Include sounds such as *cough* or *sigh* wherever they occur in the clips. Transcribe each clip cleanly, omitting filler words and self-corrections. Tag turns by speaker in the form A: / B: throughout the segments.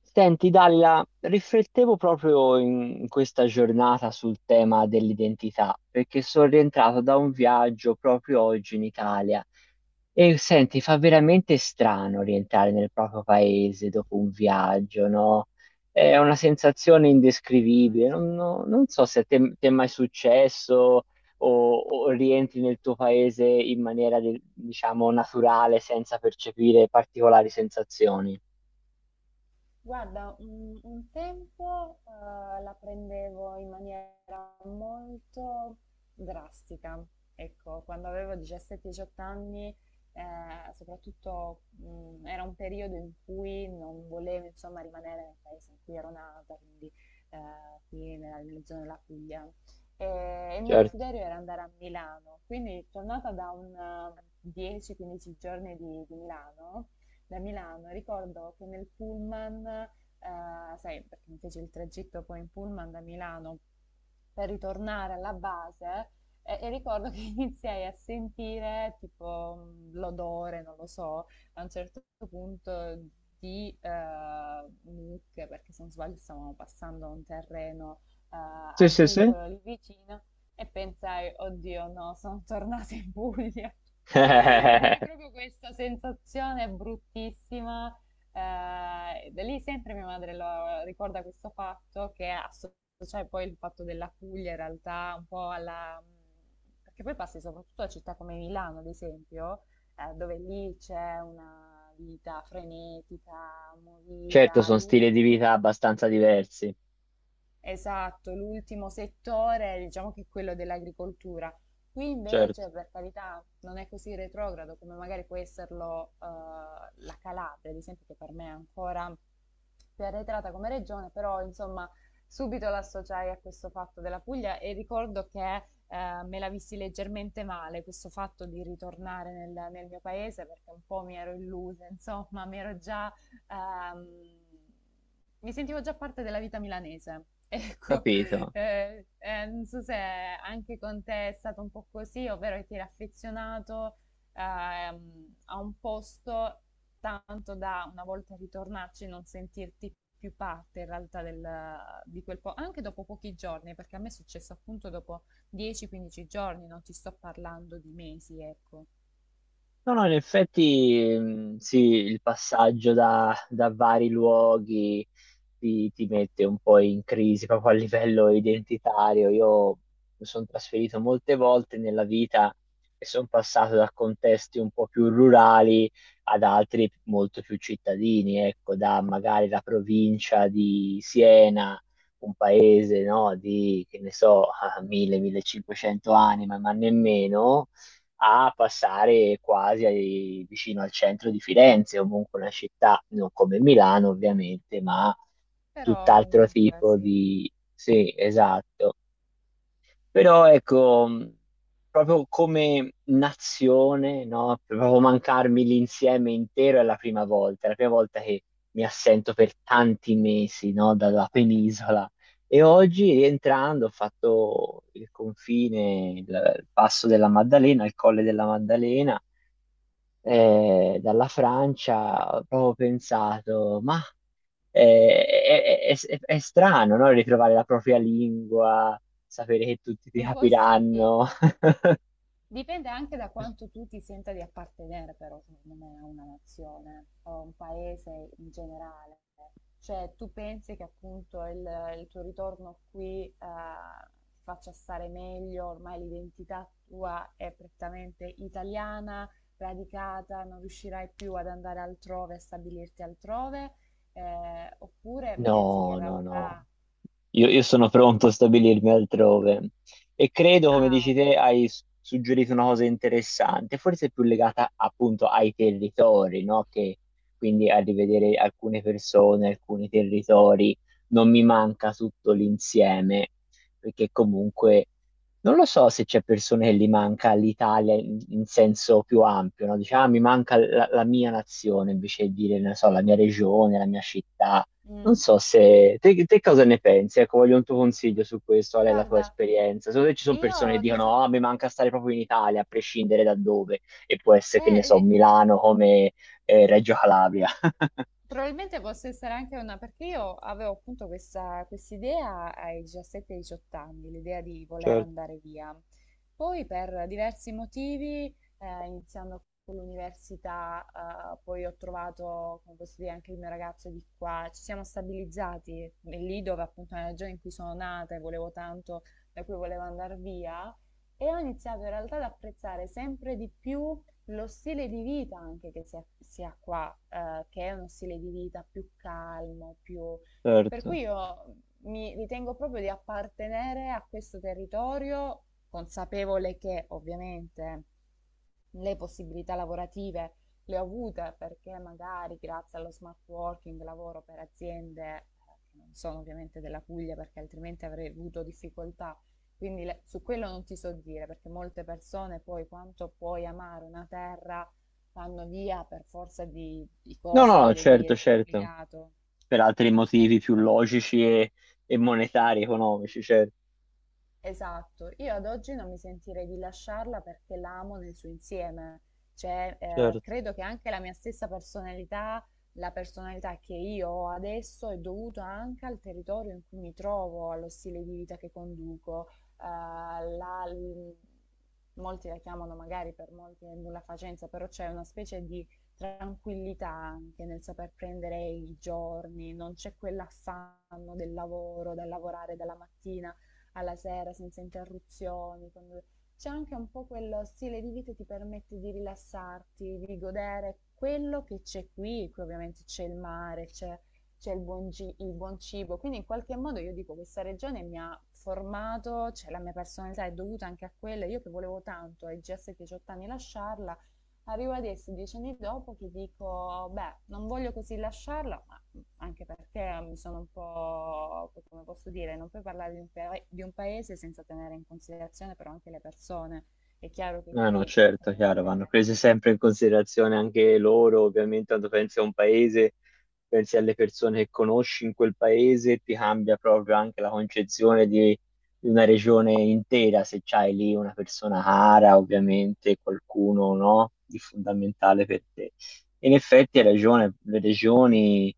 A: Senti, Dalila, riflettevo proprio in questa giornata sul tema dell'identità, perché sono rientrato da un viaggio proprio oggi in Italia e senti, fa veramente strano rientrare nel proprio paese dopo un viaggio, no? È una sensazione indescrivibile. Non,
B: Immagino.
A: non- non so se a te, ti è mai successo o rientri nel tuo paese in maniera, diciamo, naturale, senza percepire particolari sensazioni.
B: Guarda, un tempo la prendevo in maniera molto drastica. Ecco, quando avevo 17-18 anni, soprattutto era un periodo in cui non volevo, insomma, rimanere nel paese in cui ero nata, quindi qui nella zona della Puglia. E il mio
A: Certo.
B: desiderio era andare a Milano, quindi tornata da un 10-15 giorni di Milano, da Milano. Ricordo che nel pullman, sai, perché mi feci il tragitto poi in pullman da Milano per ritornare alla base, e ricordo che *laughs* iniziai a sentire tipo l'odore, non lo so, a un certo punto di mucche, perché se non sbaglio stavamo passando un terreno eh,
A: Sì, sì, sì.
B: agricolo lì vicino e pensai, oddio no, sono tornata in Puglia. *laughs* Ed è
A: *laughs*
B: proprio questa sensazione bruttissima. Da lì sempre mia madre lo ricorda questo fatto che associa cioè poi il fatto della Puglia in realtà un po' alla. Perché poi passi soprattutto a città come Milano, ad esempio, dove lì c'è una vita frenetica,
A: Certo,
B: movida,
A: sono stili di
B: all'ultimo.
A: vita abbastanza diversi,
B: Esatto, l'ultimo settore, diciamo che è quello dell'agricoltura. Qui
A: certo,
B: invece, per carità, non è così retrogrado come magari può esserlo la Calabria, ad esempio, che per me è ancora più arretrata come regione, però insomma subito l'associai a questo fatto della Puglia e ricordo che me la vissi leggermente male questo fatto di ritornare nel mio paese perché un po' mi ero illusa, insomma, mi ero già ehm, mi sentivo già parte della vita milanese. *laughs* Ecco.
A: capito.
B: Non so se anche con te è stato un po' così, ovvero che ti eri affezionato a un posto tanto da una volta ritornarci non sentirti più parte in realtà di quel po', anche dopo pochi giorni, perché a me è successo appunto dopo 10-15 giorni, non ti sto parlando di mesi, ecco.
A: No, no, in effetti sì, il passaggio da vari luoghi ti mette un po' in crisi proprio a livello identitario. Io mi sono trasferito molte volte nella vita e sono passato da contesti un po' più rurali ad altri molto più cittadini, ecco, da magari la provincia di Siena, un paese, no, di, che ne so, *laughs* 1.000-1.500 anime, ma nemmeno a passare quasi vicino al centro di Firenze, o comunque una città non come Milano ovviamente, ma
B: Però
A: tutt'altro
B: comunque
A: tipo
B: sì,
A: di... Sì, esatto. Però ecco, proprio come nazione, no? Proprio mancarmi l'insieme intero è la prima volta, è la prima volta che mi assento per tanti mesi, no? Dalla penisola. E oggi rientrando ho fatto il confine, il passo della Maddalena, il colle della Maddalena, dalla Francia, ho proprio pensato, ma eh, è, è strano, no? Ritrovare la propria lingua, sapere che tutti ti
B: un po' sì.
A: capiranno.
B: Dipende anche da quanto tu ti senta di appartenere, però, secondo me, a una nazione o a un paese in generale. Cioè, tu pensi che appunto il tuo ritorno qui ti faccia stare meglio, ormai l'identità tua è prettamente italiana, radicata, non riuscirai più ad andare altrove, a stabilirti altrove, oppure pensi che in
A: No, no, no.
B: realtà.
A: Io sono pronto a stabilirmi altrove e credo, come
B: Ah,
A: dici
B: ok.
A: te, hai suggerito una cosa interessante, forse più legata appunto ai territori, no? Che quindi a rivedere alcune persone, alcuni territori, non mi manca tutto l'insieme, perché comunque non lo so se c'è persone che li manca l'Italia in, in senso più ampio, no? Diciamo, "Ah, mi manca la, mia nazione, invece di dire, non so, la mia regione, la mia città. Non
B: Mm,
A: so se te cosa ne pensi, ecco, voglio un tuo consiglio su questo, qual è la tua
B: guarda,
A: esperienza? Secondo te ci sono persone che
B: Io di fa-
A: dicono, ah, mi manca stare proprio in Italia, a prescindere da dove, e può essere, che ne so,
B: eh,
A: Milano come Reggio Calabria. *laughs*
B: Probabilmente possa essere anche una, perché io avevo appunto questa idea ai 17-18 anni, l'idea di voler
A: Certo,
B: andare via. Poi per diversi motivi, iniziando con l'università, poi ho trovato, come posso dire, anche il mio ragazzo di qua, ci siamo stabilizzati e lì dove appunto nella regione in cui sono nata e volevo tanto, da cui volevo andare via, e ho iniziato in realtà ad apprezzare sempre di più lo stile di vita anche che si ha qua, che è uno stile di vita più calmo, più. Per
A: certo.
B: cui io mi ritengo proprio di appartenere a questo territorio, consapevole che ovviamente le possibilità lavorative le ho avute perché magari grazie allo smart working lavoro per aziende che non sono ovviamente della Puglia perché altrimenti avrei avuto difficoltà. Quindi su quello non ti so dire perché molte persone poi quanto puoi amare una terra vanno via per forza di
A: No,
B: cose,
A: no, no,
B: voglio dire,
A: certo,
B: è
A: certo,
B: obbligato.
A: per altri motivi
B: Ecco.
A: più logici e monetari, economici, certo.
B: Esatto, io ad oggi non mi sentirei di lasciarla perché la amo nel suo insieme, cioè
A: Certo.
B: credo che anche la mia stessa personalità, la personalità che io ho adesso è dovuta anche al territorio in cui mi trovo, allo stile di vita che conduco, eh, la- l- molti la chiamano magari per molti è nulla facenza, però c'è una specie di tranquillità anche nel saper prendere i giorni, non c'è quell'affanno del lavoro, da lavorare dalla mattina alla sera senza interruzioni. C'è anche un po' quello stile di vita che ti permette di rilassarti, di godere quello che c'è qui. Qui ovviamente c'è il mare, c'è il buon cibo. Quindi in qualche modo io dico questa regione mi ha formato, cioè la mia personalità è dovuta anche a quella. Io che volevo tanto ai GS 18 anni lasciarla. Arrivo adesso, 10 anni dopo, che dico, beh, non voglio così lasciarla, ma anche perché mi sono un po', come posso dire, non puoi parlare di un paese senza tenere in considerazione però anche le persone. È chiaro che
A: No, no,
B: qui.
A: certo, chiaro, vanno
B: eh,
A: prese sempre in considerazione anche loro, ovviamente quando pensi a un paese, pensi alle persone che conosci in quel paese, ti cambia proprio anche la concezione di, una regione intera, se c'hai lì una persona cara, ovviamente qualcuno, no, di fondamentale per te. In effetti hai ragione, le regioni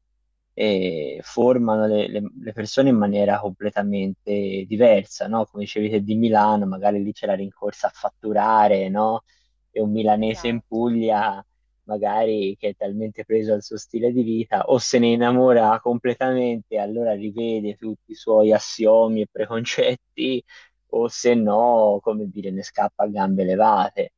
A: formano le persone in maniera completamente diversa, no? Come dicevi te di Milano, magari lì c'è la rincorsa a fatturare, no? E un milanese in
B: esatto.
A: Puglia, magari che è talmente preso al suo stile di vita, o se ne innamora completamente, allora rivede tutti i suoi assiomi e preconcetti, o se no, come dire, ne scappa a gambe levate.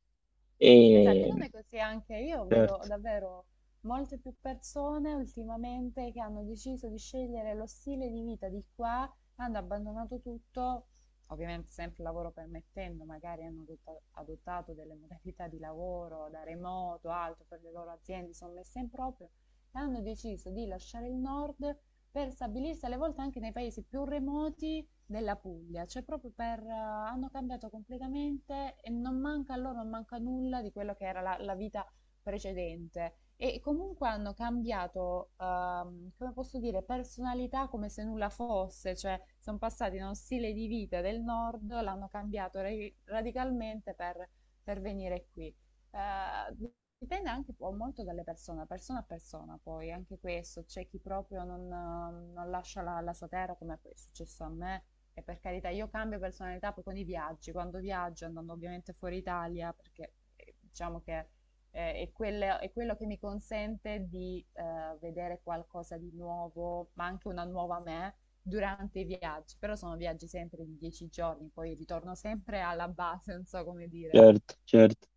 B: Ma sai che
A: E...
B: non è così anche io vedo
A: Certo,
B: davvero molte più persone ultimamente che hanno deciso di scegliere lo stile di vita di qua, hanno abbandonato tutto, ovviamente sempre lavoro permettendo, magari hanno adottato delle modalità di lavoro da remoto, altro per le loro aziende, sono messe in proprio, e hanno deciso di lasciare il nord per stabilirsi alle volte anche nei paesi più remoti della Puglia, cioè proprio per, hanno cambiato completamente e non manca a loro, non manca nulla di quello che era la vita precedente. E comunque hanno cambiato, come posso dire, personalità come se nulla fosse, cioè sono passati da uno stile di vita del nord, l'hanno cambiato radicalmente per venire qui. Eh, Dipende anche po molto dalle persone, persona a persona poi, anche questo, c'è chi proprio non lascia la sua terra come poi è successo a me e per carità io cambio personalità poi con i viaggi, quando viaggio andando ovviamente fuori Italia perché diciamo che è quello che mi consente di vedere qualcosa di nuovo, ma anche una nuova me durante i viaggi, però sono viaggi sempre di 10 giorni, poi ritorno sempre alla base, non so come dire.
A: certo, certo.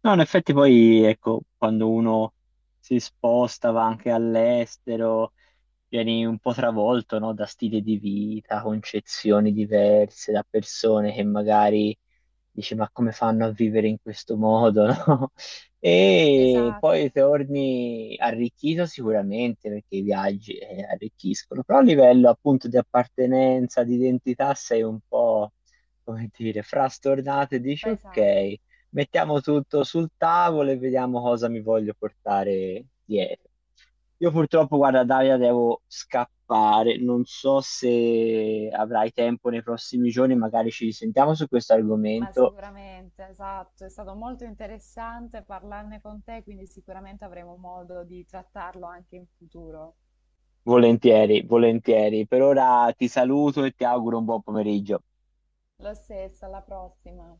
A: No, in effetti poi, ecco, quando uno si sposta, va anche all'estero, vieni un po' travolto, no, da stili di vita, concezioni diverse, da persone che magari dici, ma come fanno a vivere in questo modo, no? *laughs* E
B: Esatto,
A: poi torni arricchito sicuramente perché i viaggi arricchiscono, però a livello appunto di appartenenza, di identità sei un po', come dire, frastornato e dici,
B: pesato.
A: ok, mettiamo tutto sul tavolo e vediamo cosa mi voglio portare dietro. Io purtroppo, guarda, Daria, devo scappare. Non so se avrai tempo nei prossimi giorni, magari ci risentiamo su questo
B: Ma
A: argomento.
B: sicuramente, esatto, è stato molto interessante parlarne con te, quindi sicuramente avremo modo di trattarlo anche in futuro.
A: Volentieri, volentieri. Per ora ti saluto e ti auguro un buon pomeriggio.
B: Lo stesso, alla prossima.